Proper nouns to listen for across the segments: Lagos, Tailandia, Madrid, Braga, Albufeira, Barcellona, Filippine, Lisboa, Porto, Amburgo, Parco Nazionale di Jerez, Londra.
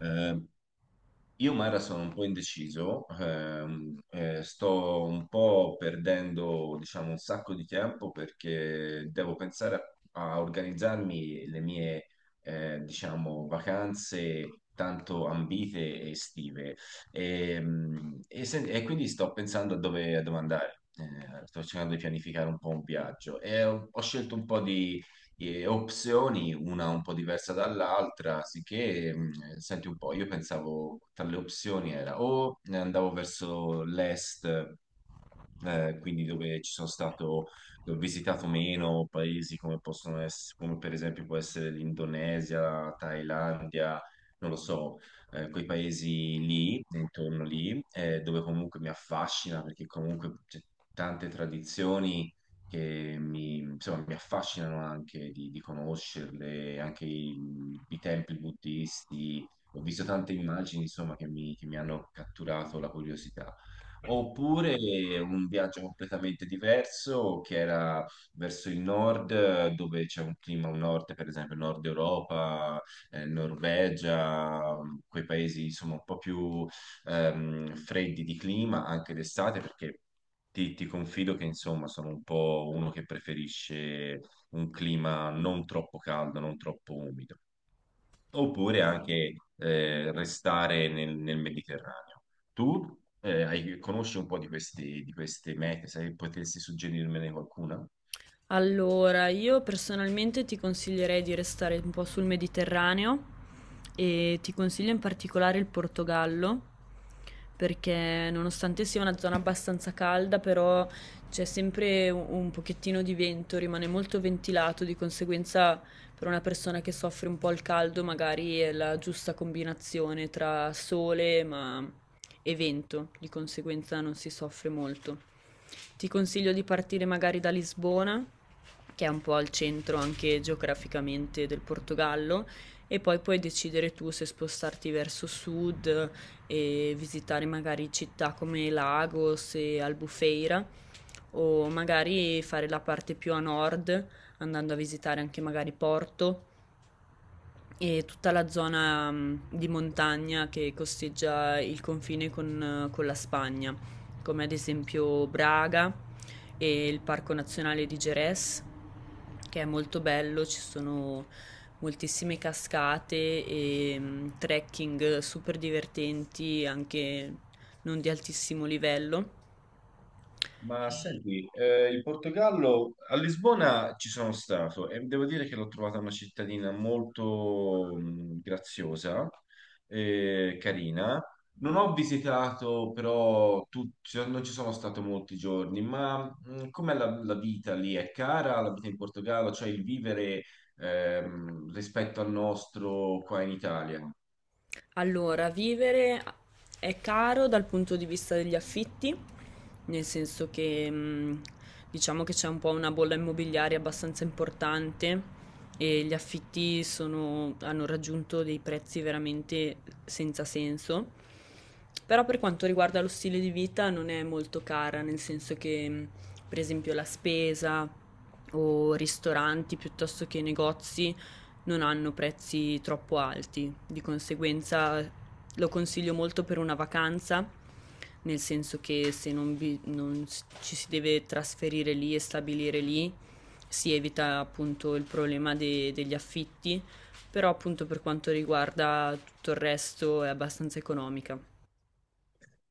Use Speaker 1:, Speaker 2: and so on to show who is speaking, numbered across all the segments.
Speaker 1: Eh, io Mara sono un po' indeciso, sto un po' perdendo, diciamo, un sacco di tempo perché devo pensare a organizzarmi le mie, diciamo, vacanze tanto ambite e estive. E quindi sto pensando a dove andare. Sto cercando di pianificare un po' un viaggio e ho scelto un po' di opzioni, una un po' diversa dall'altra, sicché, senti un po', io pensavo tra le opzioni era o andavo verso l'est, quindi dove ci sono stato, dove ho visitato meno paesi come possono essere, come per esempio può essere l'Indonesia, la Thailandia, non lo so, quei paesi lì, intorno lì, dove comunque mi affascina perché comunque c'è tante tradizioni che mi, insomma, mi affascinano anche di conoscerle, anche i templi buddisti. Ho visto tante immagini, insomma, che mi hanno catturato la curiosità. Oppure un viaggio completamente diverso che era verso il nord, dove c'è un clima, un nord, per esempio, Nord Europa, Norvegia, quei paesi insomma un po' più freddi di clima anche d'estate, perché ti confido che insomma sono un po' uno che preferisce un clima non troppo caldo, non troppo umido oppure anche restare nel Mediterraneo. Tu conosci un po' di di queste mete, se potessi suggerirmene qualcuna?
Speaker 2: Allora, io personalmente ti consiglierei di restare un po' sul Mediterraneo e ti consiglio in particolare il Portogallo perché nonostante sia una zona abbastanza calda, però c'è sempre un pochettino di vento, rimane molto ventilato, di conseguenza per una persona che soffre un po' il caldo magari è la giusta combinazione tra sole e vento, di conseguenza non si soffre molto. Ti consiglio di partire magari da Lisbona, che è un po' al centro anche geograficamente del Portogallo, e poi puoi decidere tu se spostarti verso sud e visitare magari città come Lagos e Albufeira, o magari fare la parte più a nord, andando a visitare anche magari Porto e tutta la zona di montagna che costeggia il confine con la Spagna, come ad esempio Braga e il Parco Nazionale di Jerez, che è molto bello, ci sono moltissime cascate e trekking super divertenti, anche non di altissimo livello.
Speaker 1: Ma
Speaker 2: E
Speaker 1: senti, il Portogallo a Lisbona ci sono stato e devo dire che l'ho trovata una cittadina molto graziosa e carina. Non ho visitato però, cioè, non ci sono stato molti giorni, ma com'è la vita lì? È cara la vita in Portogallo, cioè il vivere rispetto al nostro qua in Italia?
Speaker 2: allora, vivere è caro dal punto di vista degli affitti, nel senso che diciamo che c'è un po' una bolla immobiliare abbastanza importante e gli affitti sono- hanno raggiunto dei prezzi veramente senza senso. Però per quanto riguarda lo stile di vita non è molto cara, nel senso che per esempio la spesa o ristoranti piuttosto che negozi non hanno prezzi troppo alti, di conseguenza lo consiglio molto per una vacanza, nel senso che se non, vi- non s- ci si deve trasferire lì e stabilire lì, si evita appunto il problema de- degli affitti, però appunto per quanto riguarda tutto il resto è abbastanza economica.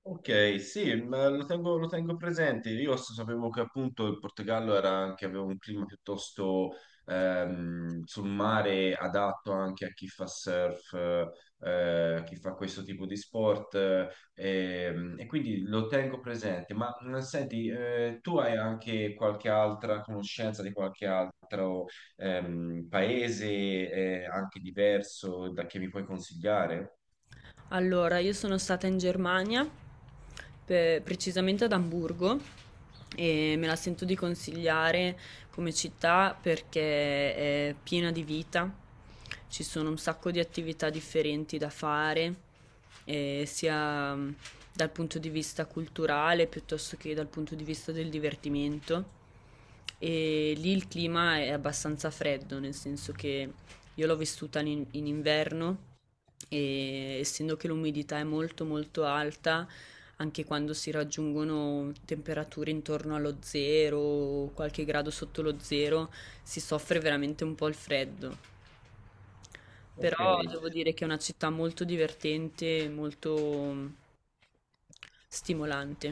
Speaker 1: Ok, sì, ma lo tengo presente. Io sapevo che appunto il Portogallo era anche, aveva un clima piuttosto sul mare adatto anche a chi fa surf, a chi fa questo tipo di sport, quindi lo tengo presente. Ma senti, tu hai anche qualche altra conoscenza di qualche altro paese, anche diverso da che mi puoi consigliare?
Speaker 2: Allora, io sono stata in Germania, pe- precisamente ad Amburgo, e me la sento di consigliare come città perché è piena di vita, ci sono un sacco di attività differenti da fare, sia dal punto di vista culturale piuttosto che dal punto di vista del divertimento. E lì il clima è abbastanza freddo, nel senso che io l'ho vissuta in inverno e essendo che l'umidità è molto molto alta, anche quando si raggiungono temperature intorno allo zero o qualche grado sotto lo zero, si soffre veramente un po' il freddo.
Speaker 1: Ok,
Speaker 2: Però devo dire che è una città molto divertente, molto stimolante.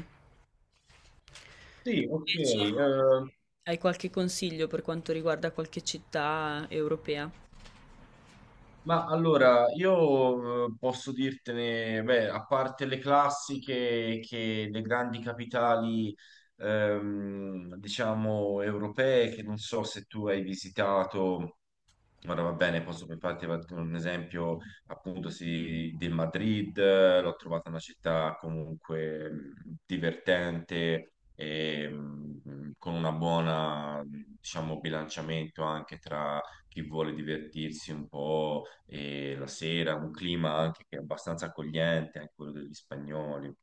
Speaker 1: sì, ok.
Speaker 2: Invece, hai qualche consiglio per quanto riguarda qualche città europea?
Speaker 1: Ma allora, io posso dirtene, beh, a parte le classiche che le grandi capitali, diciamo, europee, che non so se tu hai visitato. Ora va bene, posso per farti un esempio appunto sì, del Madrid, l'ho trovata una città comunque divertente e con una buona, diciamo, bilanciamento anche tra chi vuole divertirsi un po' e la sera, un clima anche che è abbastanza accogliente, anche quello degli spagnoli.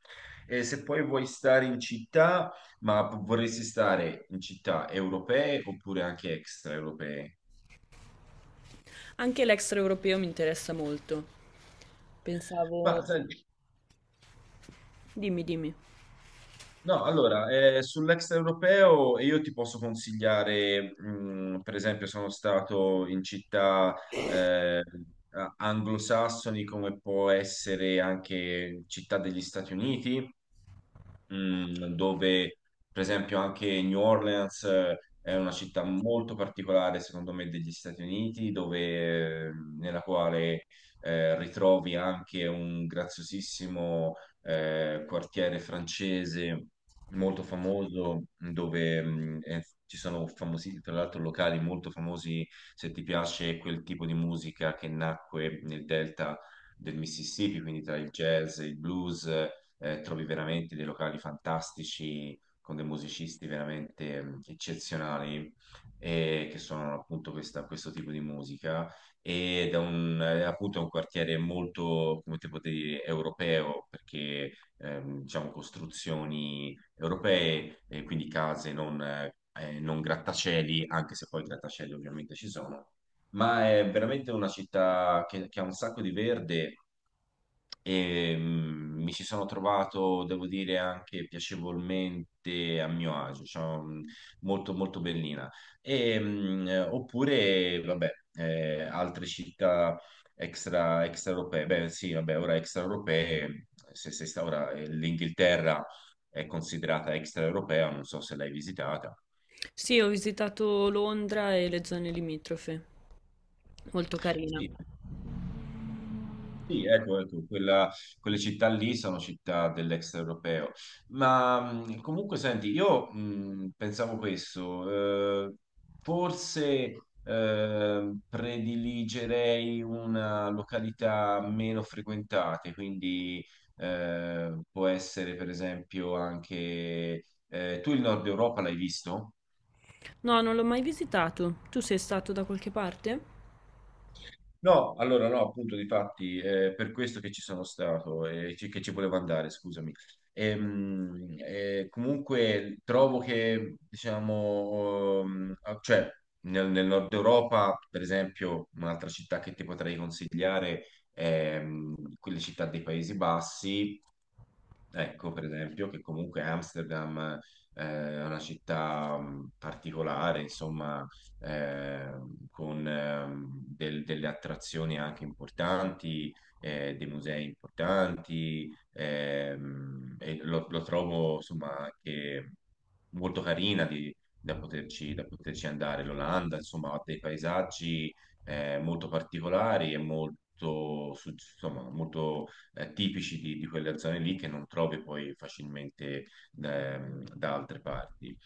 Speaker 1: E se poi vuoi stare in città, ma vorresti stare in città europee oppure anche extraeuropee?
Speaker 2: Anche l'extraeuropeo mi interessa molto.
Speaker 1: Ma
Speaker 2: Pensavo...
Speaker 1: sai,
Speaker 2: Dimmi, dimmi.
Speaker 1: no, allora, sull'extraeuropeo io ti posso consigliare, per esempio, sono stato in città eh, anglosassoni come può essere anche città degli Stati Uniti, dove per esempio anche New Orleans è una città molto particolare, secondo me, degli Stati Uniti, nella quale ritrovi anche un graziosissimo quartiere francese molto famoso, dove ci sono famosi, tra l'altro, locali molto famosi, se ti piace quel tipo di musica che nacque nel delta del Mississippi, quindi tra il jazz, il blues trovi veramente dei locali fantastici con dei musicisti veramente mm, eccezionali che suonano appunto questo tipo di musica ed è appunto un quartiere molto, come te potevi dire, europeo perché diciamo costruzioni europee, quindi case non grattacieli, anche se poi grattacieli ovviamente ci sono ma è veramente una città che ha un sacco di verde e mi ci sono trovato, devo dire, anche piacevolmente a mio agio, cioè, molto molto bellina. Oppure, vabbè, altre città extraeuropee, beh sì, vabbè, ora extraeuropee, se sta ora l'Inghilterra è considerata extraeuropea, non so se l'hai visitata.
Speaker 2: Sì, ho visitato Londra e le zone limitrofe. Molto carina.
Speaker 1: Sì, sì, ecco, ecco, quelle città lì sono città dell'extraeuropeo. Ma comunque, senti, io pensavo questo, forse prediligerei una località meno frequentata, quindi può essere per esempio anche... tu il Nord Europa l'hai visto?
Speaker 2: No, non l'ho mai visitato. Tu sei stato da qualche parte?
Speaker 1: No, allora no, appunto, difatti, è per questo che ci sono stato e che ci volevo andare, scusami. Comunque trovo che, diciamo, cioè, nel nord Europa, per esempio, un'altra città che ti potrei consigliare è quelle città dei Paesi Bassi. Ecco, per esempio, che comunque Amsterdam eh, è una città particolare, insomma, con delle attrazioni anche importanti, dei musei importanti, e lo trovo, insomma, anche molto carina da poterci andare. L'Olanda, insomma, ha dei paesaggi molto particolari e molto, insomma, molto tipici di quelle zone lì che non trovi poi facilmente da altre parti.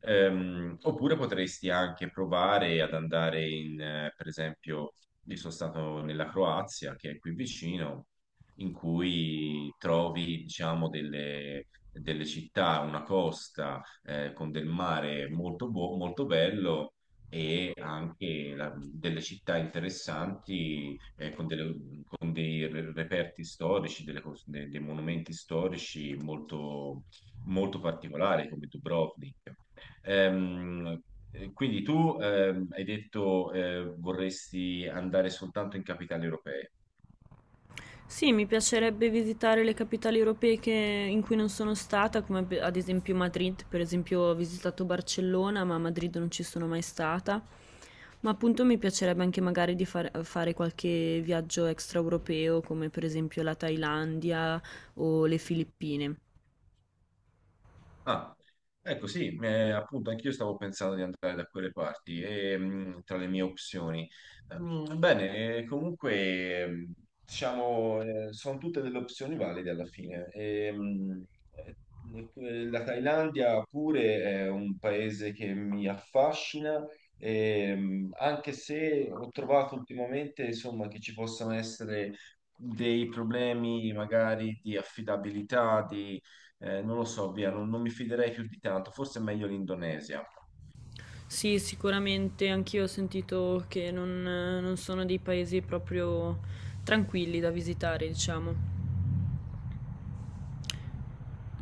Speaker 1: Oppure potresti anche provare ad andare in per esempio, io sono stato nella Croazia, che è qui vicino, in cui trovi, diciamo, delle città, una costa con del mare molto, molto bello e anche delle città interessanti con dei reperti storici, dei monumenti storici molto, molto particolari come Dubrovnik. Ehm, quindi tu hai detto vorresti andare soltanto in capitali europee.
Speaker 2: Sì, mi piacerebbe visitare le capitali europee che in cui non sono stata, come pe- ad esempio Madrid, per esempio ho visitato Barcellona, ma a Madrid non ci sono mai stata. Ma appunto mi piacerebbe anche magari di far- fare qualche viaggio extraeuropeo, come per esempio la Thailandia o le Filippine.
Speaker 1: Ah, ecco sì, appunto anch'io stavo pensando di andare da quelle parti e, tra le mie opzioni. Bene, comunque diciamo sono tutte delle opzioni valide alla fine. Eh, ecco, la Thailandia pure è un paese che mi affascina, anche se ho trovato ultimamente insomma, che ci possano essere dei problemi magari di affidabilità, di non lo so, via, non mi fiderei più di tanto, forse è meglio l'Indonesia.
Speaker 2: Sì, sicuramente anch'io ho sentito che non non sono dei paesi proprio tranquilli da visitare, diciamo.